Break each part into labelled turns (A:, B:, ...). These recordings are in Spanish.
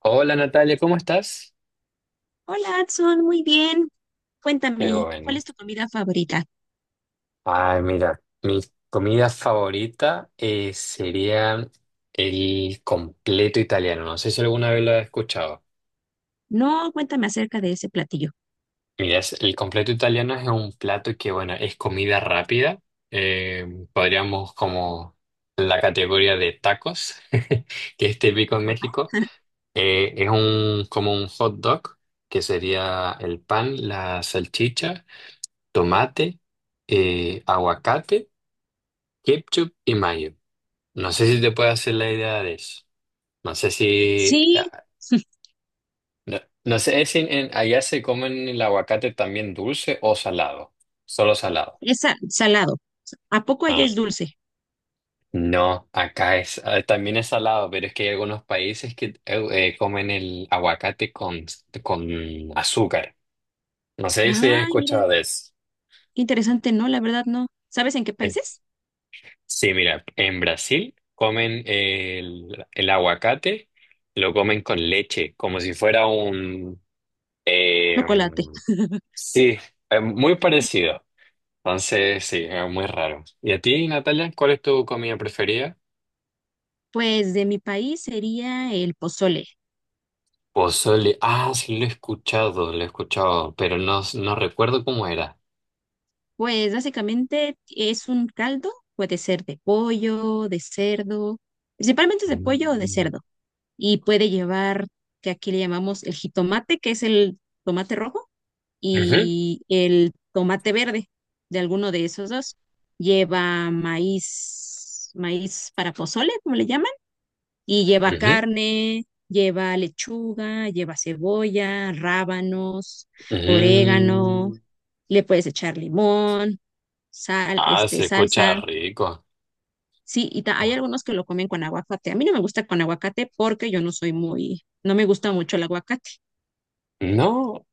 A: Hola Natalia, ¿cómo estás?
B: Hola, Adson, muy bien.
A: Qué
B: Cuéntame, ¿cuál
A: bueno.
B: es tu comida favorita?
A: Ay, mira, mi comida favorita sería el completo italiano. No sé si alguna vez lo has escuchado.
B: No, cuéntame acerca de ese platillo.
A: Mira, el completo italiano es un plato que, bueno, es comida rápida. Eh, podríamos como la categoría de tacos, que es típico en México. Es un, como un hot dog, que sería el pan, la salchicha, tomate, aguacate. Kipchup y Mayo. No sé si te puedes hacer la idea de eso. No sé si.
B: Sí,
A: Ah, no, no sé si allá se comen el aguacate también dulce o salado. Solo salado.
B: es salado. ¿A poco allá
A: Ah,
B: es dulce?
A: no, acá es, también es salado, pero es que hay algunos países que comen el aguacate con azúcar. No sé si has
B: Ay, mira,
A: escuchado de eso.
B: qué interesante, no, la verdad no. ¿Sabes en qué
A: Eh,
B: países?
A: Sí, mira, en Brasil comen el aguacate, lo comen con leche, como si fuera un. Eh,
B: Chocolate.
A: sí, muy parecido. Entonces, sí, es muy raro. ¿Y a ti, Natalia, cuál es tu comida preferida?
B: Pues de mi país sería el pozole.
A: Pozole. Ah, sí, lo he escuchado, pero no, no recuerdo cómo era.
B: Pues básicamente es un caldo, puede ser de pollo, de cerdo, principalmente es de pollo o de
A: Mm.
B: cerdo. Y puede llevar, que aquí le llamamos el jitomate, que es el tomate rojo
A: Ujú,
B: y el tomate verde de alguno de esos dos. Lleva maíz, maíz para pozole, como le llaman, y lleva
A: ujú,
B: carne, lleva lechuga, lleva cebolla, rábanos, orégano,
A: ujú.
B: le puedes echar limón, sal,
A: Ah,
B: este,
A: se escucha
B: salsa.
A: rico.
B: Sí, y hay algunos que lo comen con aguacate. A mí no me gusta con aguacate porque yo no soy muy, no me gusta mucho el aguacate.
A: No.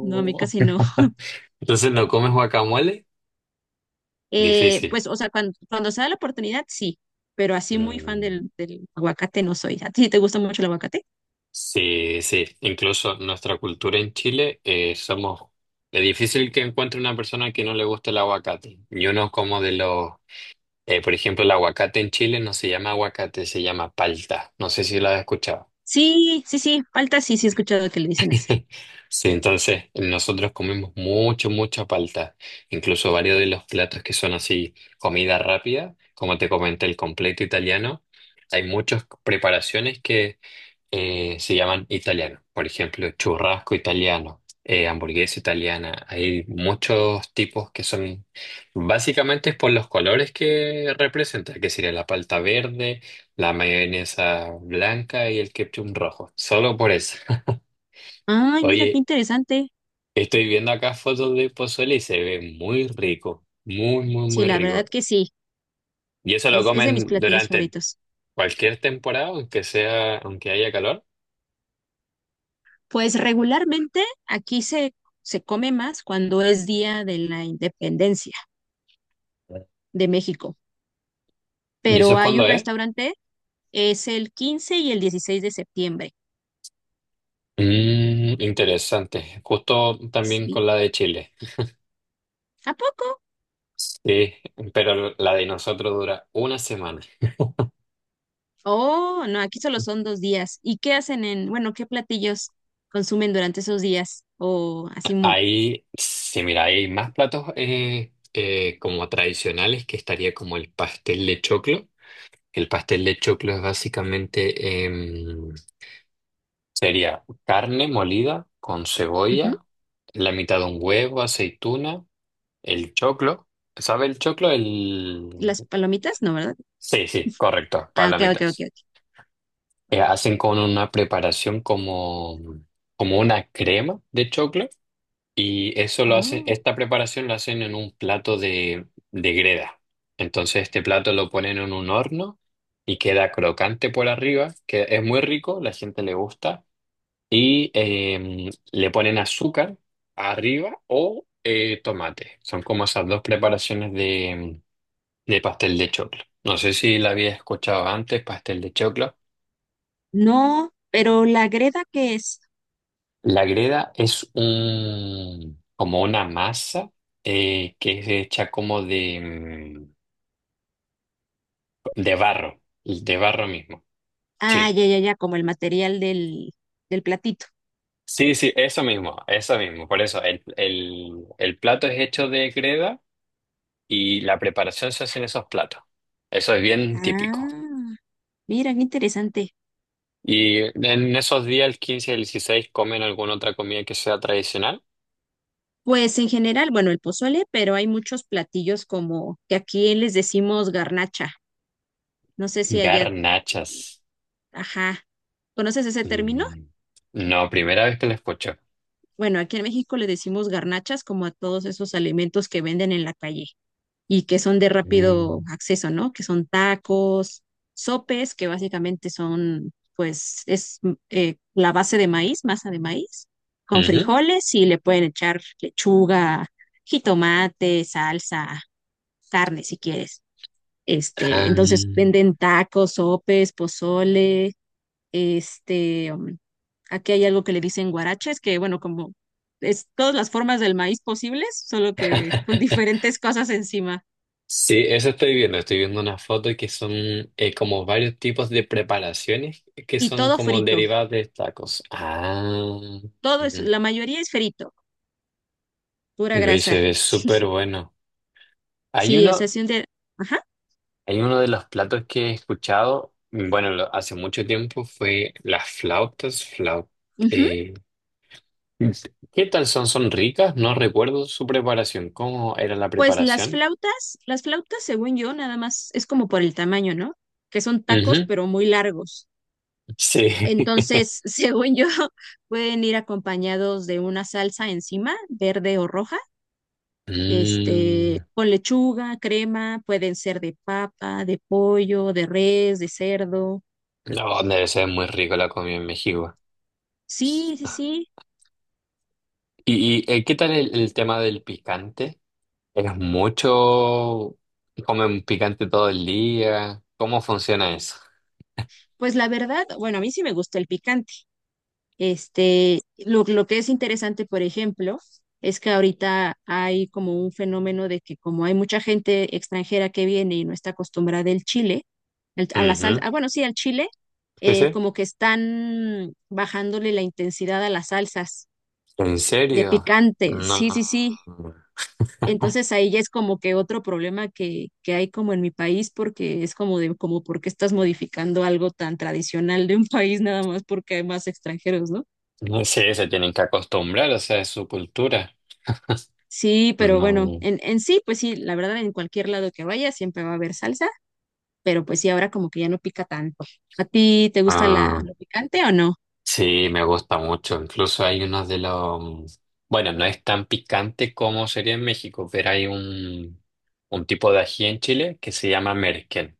B: No, a mí casi no.
A: Entonces, ¿no comes guacamole? Difícil.
B: Pues, o sea, cuando se da la oportunidad, sí, pero así muy fan
A: Mm.
B: del aguacate no soy. ¿A ti sí te gusta mucho el aguacate?
A: Sí, sí, incluso nuestra cultura en Chile somos. Es difícil que encuentre una persona que no le guste el aguacate. Y uno como de los. Por ejemplo, el aguacate en Chile no se llama aguacate, se llama palta. No sé si lo has escuchado.
B: Sí, sí, sí, falta sí, sí he escuchado que le dicen así.
A: Sí, entonces nosotros comemos mucho, mucha palta. Incluso varios de los platos que son así comida rápida, como te comenté, el completo italiano. Hay muchas preparaciones que se llaman italianos. Por ejemplo, churrasco italiano, hamburguesa italiana. Hay muchos tipos que son básicamente es por los colores que representa, que sería la palta verde, la mayonesa blanca y el ketchup rojo. Solo por eso.
B: Ay, mira qué
A: Oye,
B: interesante.
A: estoy viendo acá fotos de pozole y se ve muy rico, muy, muy,
B: Sí,
A: muy
B: la
A: rico.
B: verdad que sí,
A: ¿Y eso lo
B: es de mis
A: comen
B: platillos
A: durante
B: favoritos.
A: cualquier temporada, aunque sea, aunque haya calor?
B: Pues regularmente aquí se come más cuando es Día de la Independencia de México,
A: ¿Y eso
B: pero
A: es
B: hay
A: cuando
B: un
A: es?
B: restaurante, es el 15 y el 16 de septiembre.
A: Interesante. Justo también
B: Sí.
A: con la de Chile.
B: ¿A poco?
A: Sí, pero la de nosotros dura una semana.
B: Oh, no, aquí solo son 2 días. ¿Y qué hacen en, bueno, qué platillos consumen durante esos días? O así,
A: Ahí, sí, mira, hay más platos como tradicionales que estaría como el pastel de choclo. El pastel de choclo es básicamente, sería carne molida con
B: ujú.
A: cebolla, la mitad de un huevo, aceituna, el choclo. ¿Sabe el choclo? El.
B: Las palomitas, no, ¿verdad?
A: Sí, sí, correcto,
B: Ah, ok, ok, ok,
A: palomitas.
B: ok.
A: Hacen con una preparación como una crema de choclo y eso lo hacen,
B: Oh.
A: esta preparación la hacen en un plato de greda. Entonces este plato lo ponen en un horno y queda crocante por arriba, que es muy rico, la gente le gusta, y le ponen azúcar arriba o tomate. Son como esas dos preparaciones de pastel de choclo. No sé si la había escuchado antes, pastel de choclo.
B: No, pero la greda que es,
A: La greda es un, como una masa que es hecha como de barro, de barro mismo. Sí,
B: ah, ya, ya, ya, como el material del platito.
A: sí, sí, eso mismo, eso mismo. Por eso el plato es hecho de greda y la preparación se hace en esos platos. Eso es bien típico.
B: Ah, mira, qué interesante.
A: Y en esos días, el 15 y el 16 comen alguna otra comida que sea tradicional.
B: Pues en general, bueno, el pozole, pero hay muchos platillos como que aquí les decimos garnacha. No sé si allá,
A: Garnachas.
B: ajá. ¿Conoces ese término?
A: Mm, no, primera vez que la escucho.
B: Bueno, aquí en México le decimos garnachas como a todos esos alimentos que venden en la calle y que son de rápido
A: Mm.
B: acceso, ¿no? Que son tacos, sopes, que básicamente son, pues, es la base de maíz, masa de maíz, con
A: Ujú.
B: frijoles y le pueden echar lechuga, jitomate, salsa, carne si quieres. Este,
A: Ah,
B: entonces venden tacos, sopes, pozole, este, aquí hay algo que le dicen guaraches, que bueno, como es todas las formas del maíz posibles, solo que con diferentes cosas encima.
A: sí, eso estoy viendo. Estoy viendo unas fotos que son como varios tipos de preparaciones que
B: Y
A: son
B: todo
A: como
B: frito,
A: derivadas de tacos. Ah,
B: todo es, la mayoría es frito, pura
A: me
B: grasa.
A: se ve súper bueno. Hay
B: Sí, o sea,
A: uno,
B: si un día, ajá,
A: hay uno de los platos que he escuchado, bueno, hace mucho tiempo fue las flautas,
B: ujú.
A: eh, ¿Qué tal son? ¿Son ricas? No recuerdo su preparación. ¿Cómo era la
B: Pues las
A: preparación?
B: flautas, las flautas, según yo, nada más es como por el tamaño, ¿no? Que son tacos,
A: Ujú,
B: pero muy largos.
A: sí.
B: Entonces, según yo, pueden ir acompañados de una salsa encima, verde o roja este,
A: Mm.
B: con lechuga, crema, pueden ser de papa, de pollo, de res, de cerdo.
A: No, debe ser muy rico la comida en México.
B: Sí, sí, sí.
A: ¿Y, qué tal el tema del picante? ¿Es mucho? ¿Comen picante todo el día? ¿Cómo funciona eso?
B: Pues la verdad, bueno, a mí sí me gusta el picante. Este, lo que es interesante, por ejemplo, es que ahorita hay como un fenómeno de que como hay mucha gente extranjera que viene y no está acostumbrada al chile, a la salsa,
A: Ujú.
B: bueno, sí, al chile,
A: Sí, sí.
B: como que están bajándole la intensidad a las salsas
A: ¿En
B: de
A: serio?
B: picante. Sí, sí, sí.
A: No.
B: Entonces ahí ya es como que otro problema que hay como en mi país, porque es como de, como por qué estás modificando algo tan tradicional de un país nada más porque hay más extranjeros, ¿no?
A: No sé, se tienen que acostumbrar, o sea, es su cultura.
B: Sí, pero bueno,
A: No.
B: en sí, pues sí, la verdad, en cualquier lado que vaya siempre va a haber salsa, pero pues sí, ahora como que ya no pica tanto. ¿A ti te gusta
A: Ah.
B: lo picante o no?
A: Sí, me gusta mucho. Incluso hay unos de los. Bueno, no es tan picante como sería en México, pero hay un tipo de ají en Chile que se llama merquén,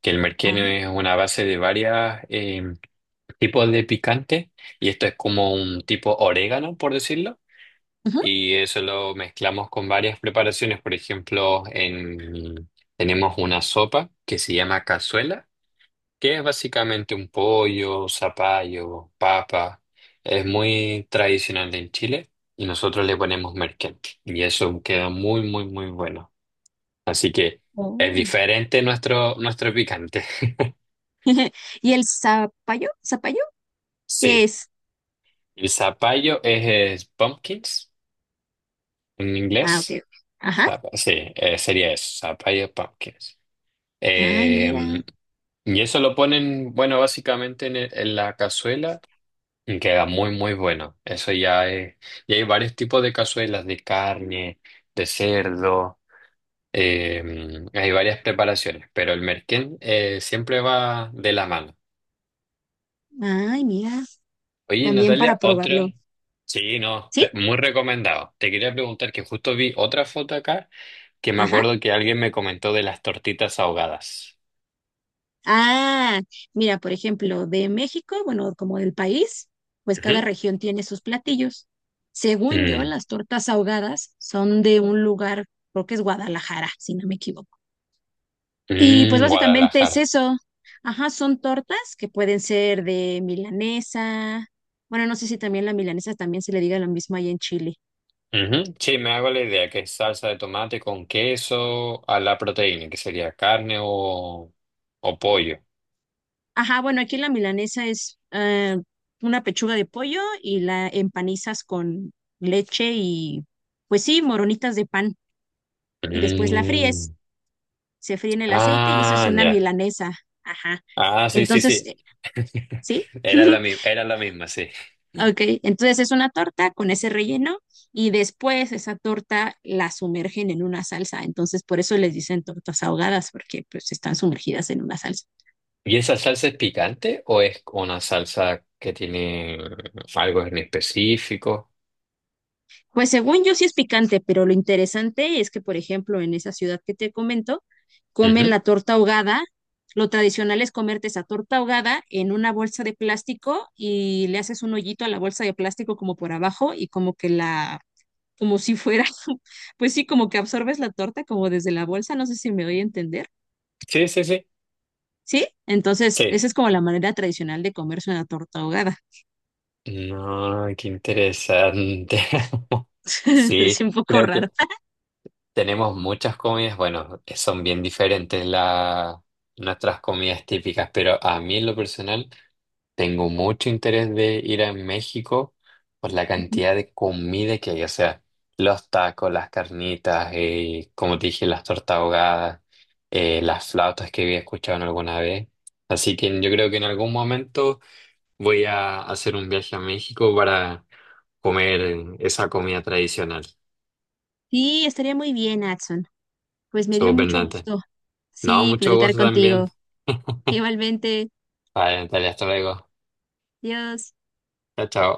A: que el merquén es
B: Ah,
A: una base de varios tipos de picante y esto es como un tipo orégano, por decirlo,
B: ujú.
A: y eso lo mezclamos con varias preparaciones. Por ejemplo, tenemos una sopa que se llama cazuela que es básicamente un pollo, zapallo, papa. Es muy tradicional en Chile y nosotros le ponemos merquén y eso queda muy, muy, muy bueno. Así que es
B: Oh.
A: diferente nuestro picante.
B: ¿Y el zapallo? ¿Zapallo? ¿Qué
A: Sí,
B: es?
A: el zapallo es pumpkins en
B: Ah, ok.
A: inglés.
B: Ok. Ajá.
A: Sí, sería eso, zapallo pumpkins.
B: Ay, mira.
A: Eh, y eso lo ponen, bueno, básicamente en la cazuela y queda muy, muy bueno. Eso ya es. Y hay varios tipos de cazuelas, de carne, de cerdo. eh, hay varias preparaciones, pero el merquén siempre va de la mano.
B: Ay, mira.
A: Oye,
B: También para
A: Natalia, otra.
B: probarlo.
A: Sí, no,
B: ¿Sí?
A: muy recomendado. Te quería preguntar que justo vi otra foto acá que me
B: Ajá.
A: acuerdo que alguien me comentó de las tortitas ahogadas.
B: Ah, mira, por ejemplo, de México, bueno, como del país, pues cada
A: Ujú.
B: región tiene sus platillos. Según yo,
A: Mm,
B: las tortas ahogadas son de un lugar, creo que es Guadalajara, si no me equivoco. Y pues
A: mm,
B: básicamente es
A: Guadalajara.
B: eso. Ajá, son tortas que pueden ser de milanesa. Bueno, no sé si también la milanesa también se le diga lo mismo ahí en Chile.
A: Ujú. Sí, me hago la idea que es salsa de tomate con queso a la proteína, que sería carne o pollo.
B: Ajá, bueno, aquí la milanesa es una pechuga de pollo y la empanizas con leche y, pues sí, moronitas de pan. Y después la fríes,
A: Mm.
B: se fríe en el aceite y eso es
A: Ah,
B: una
A: ya.
B: milanesa. Ajá.
A: Ah, sí, sí,
B: Entonces,
A: sí.
B: ¿sí?
A: Era la misma, sí.
B: Ok, entonces es una torta con ese relleno y después esa torta la sumergen en una salsa. Entonces, por eso les dicen tortas ahogadas, porque pues están sumergidas en una salsa.
A: ¿Y esa salsa es picante o es una salsa que tiene algo en específico?
B: Pues según yo sí es picante, pero lo interesante es que, por ejemplo, en esa ciudad que te comento, comen
A: Ujú.
B: la torta ahogada. Lo tradicional es comerte esa torta ahogada en una bolsa de plástico y le haces un hoyito a la bolsa de plástico como por abajo y como que como si fuera, pues sí, como que absorbes la torta como desde la bolsa, no sé si me voy a entender.
A: Sí, sí, sí.
B: ¿Sí? Entonces,
A: Sí.
B: esa es como la manera tradicional de comerse una torta ahogada.
A: No, qué interesante.
B: Es
A: Sí,
B: un poco
A: creo que
B: raro.
A: tenemos muchas comidas, bueno, son bien diferentes nuestras comidas típicas, pero a mí en lo personal tengo mucho interés de ir a México por la
B: Ujú.
A: cantidad de comida que hay, o sea, los tacos, las carnitas, como te dije, las tortas ahogadas, las flautas que había escuchado en alguna vez. Así que yo creo que en algún momento voy a hacer un viaje a México para comer esa comida tradicional.
B: Sí, estaría muy bien, Adson. Pues me dio
A: Somos
B: mucho gusto.
A: No,
B: Sí,
A: mucho
B: platicar
A: gusto también.
B: contigo. Igualmente,
A: Vale, Natalia, hasta luego.
B: Dios.
A: Chao, chao.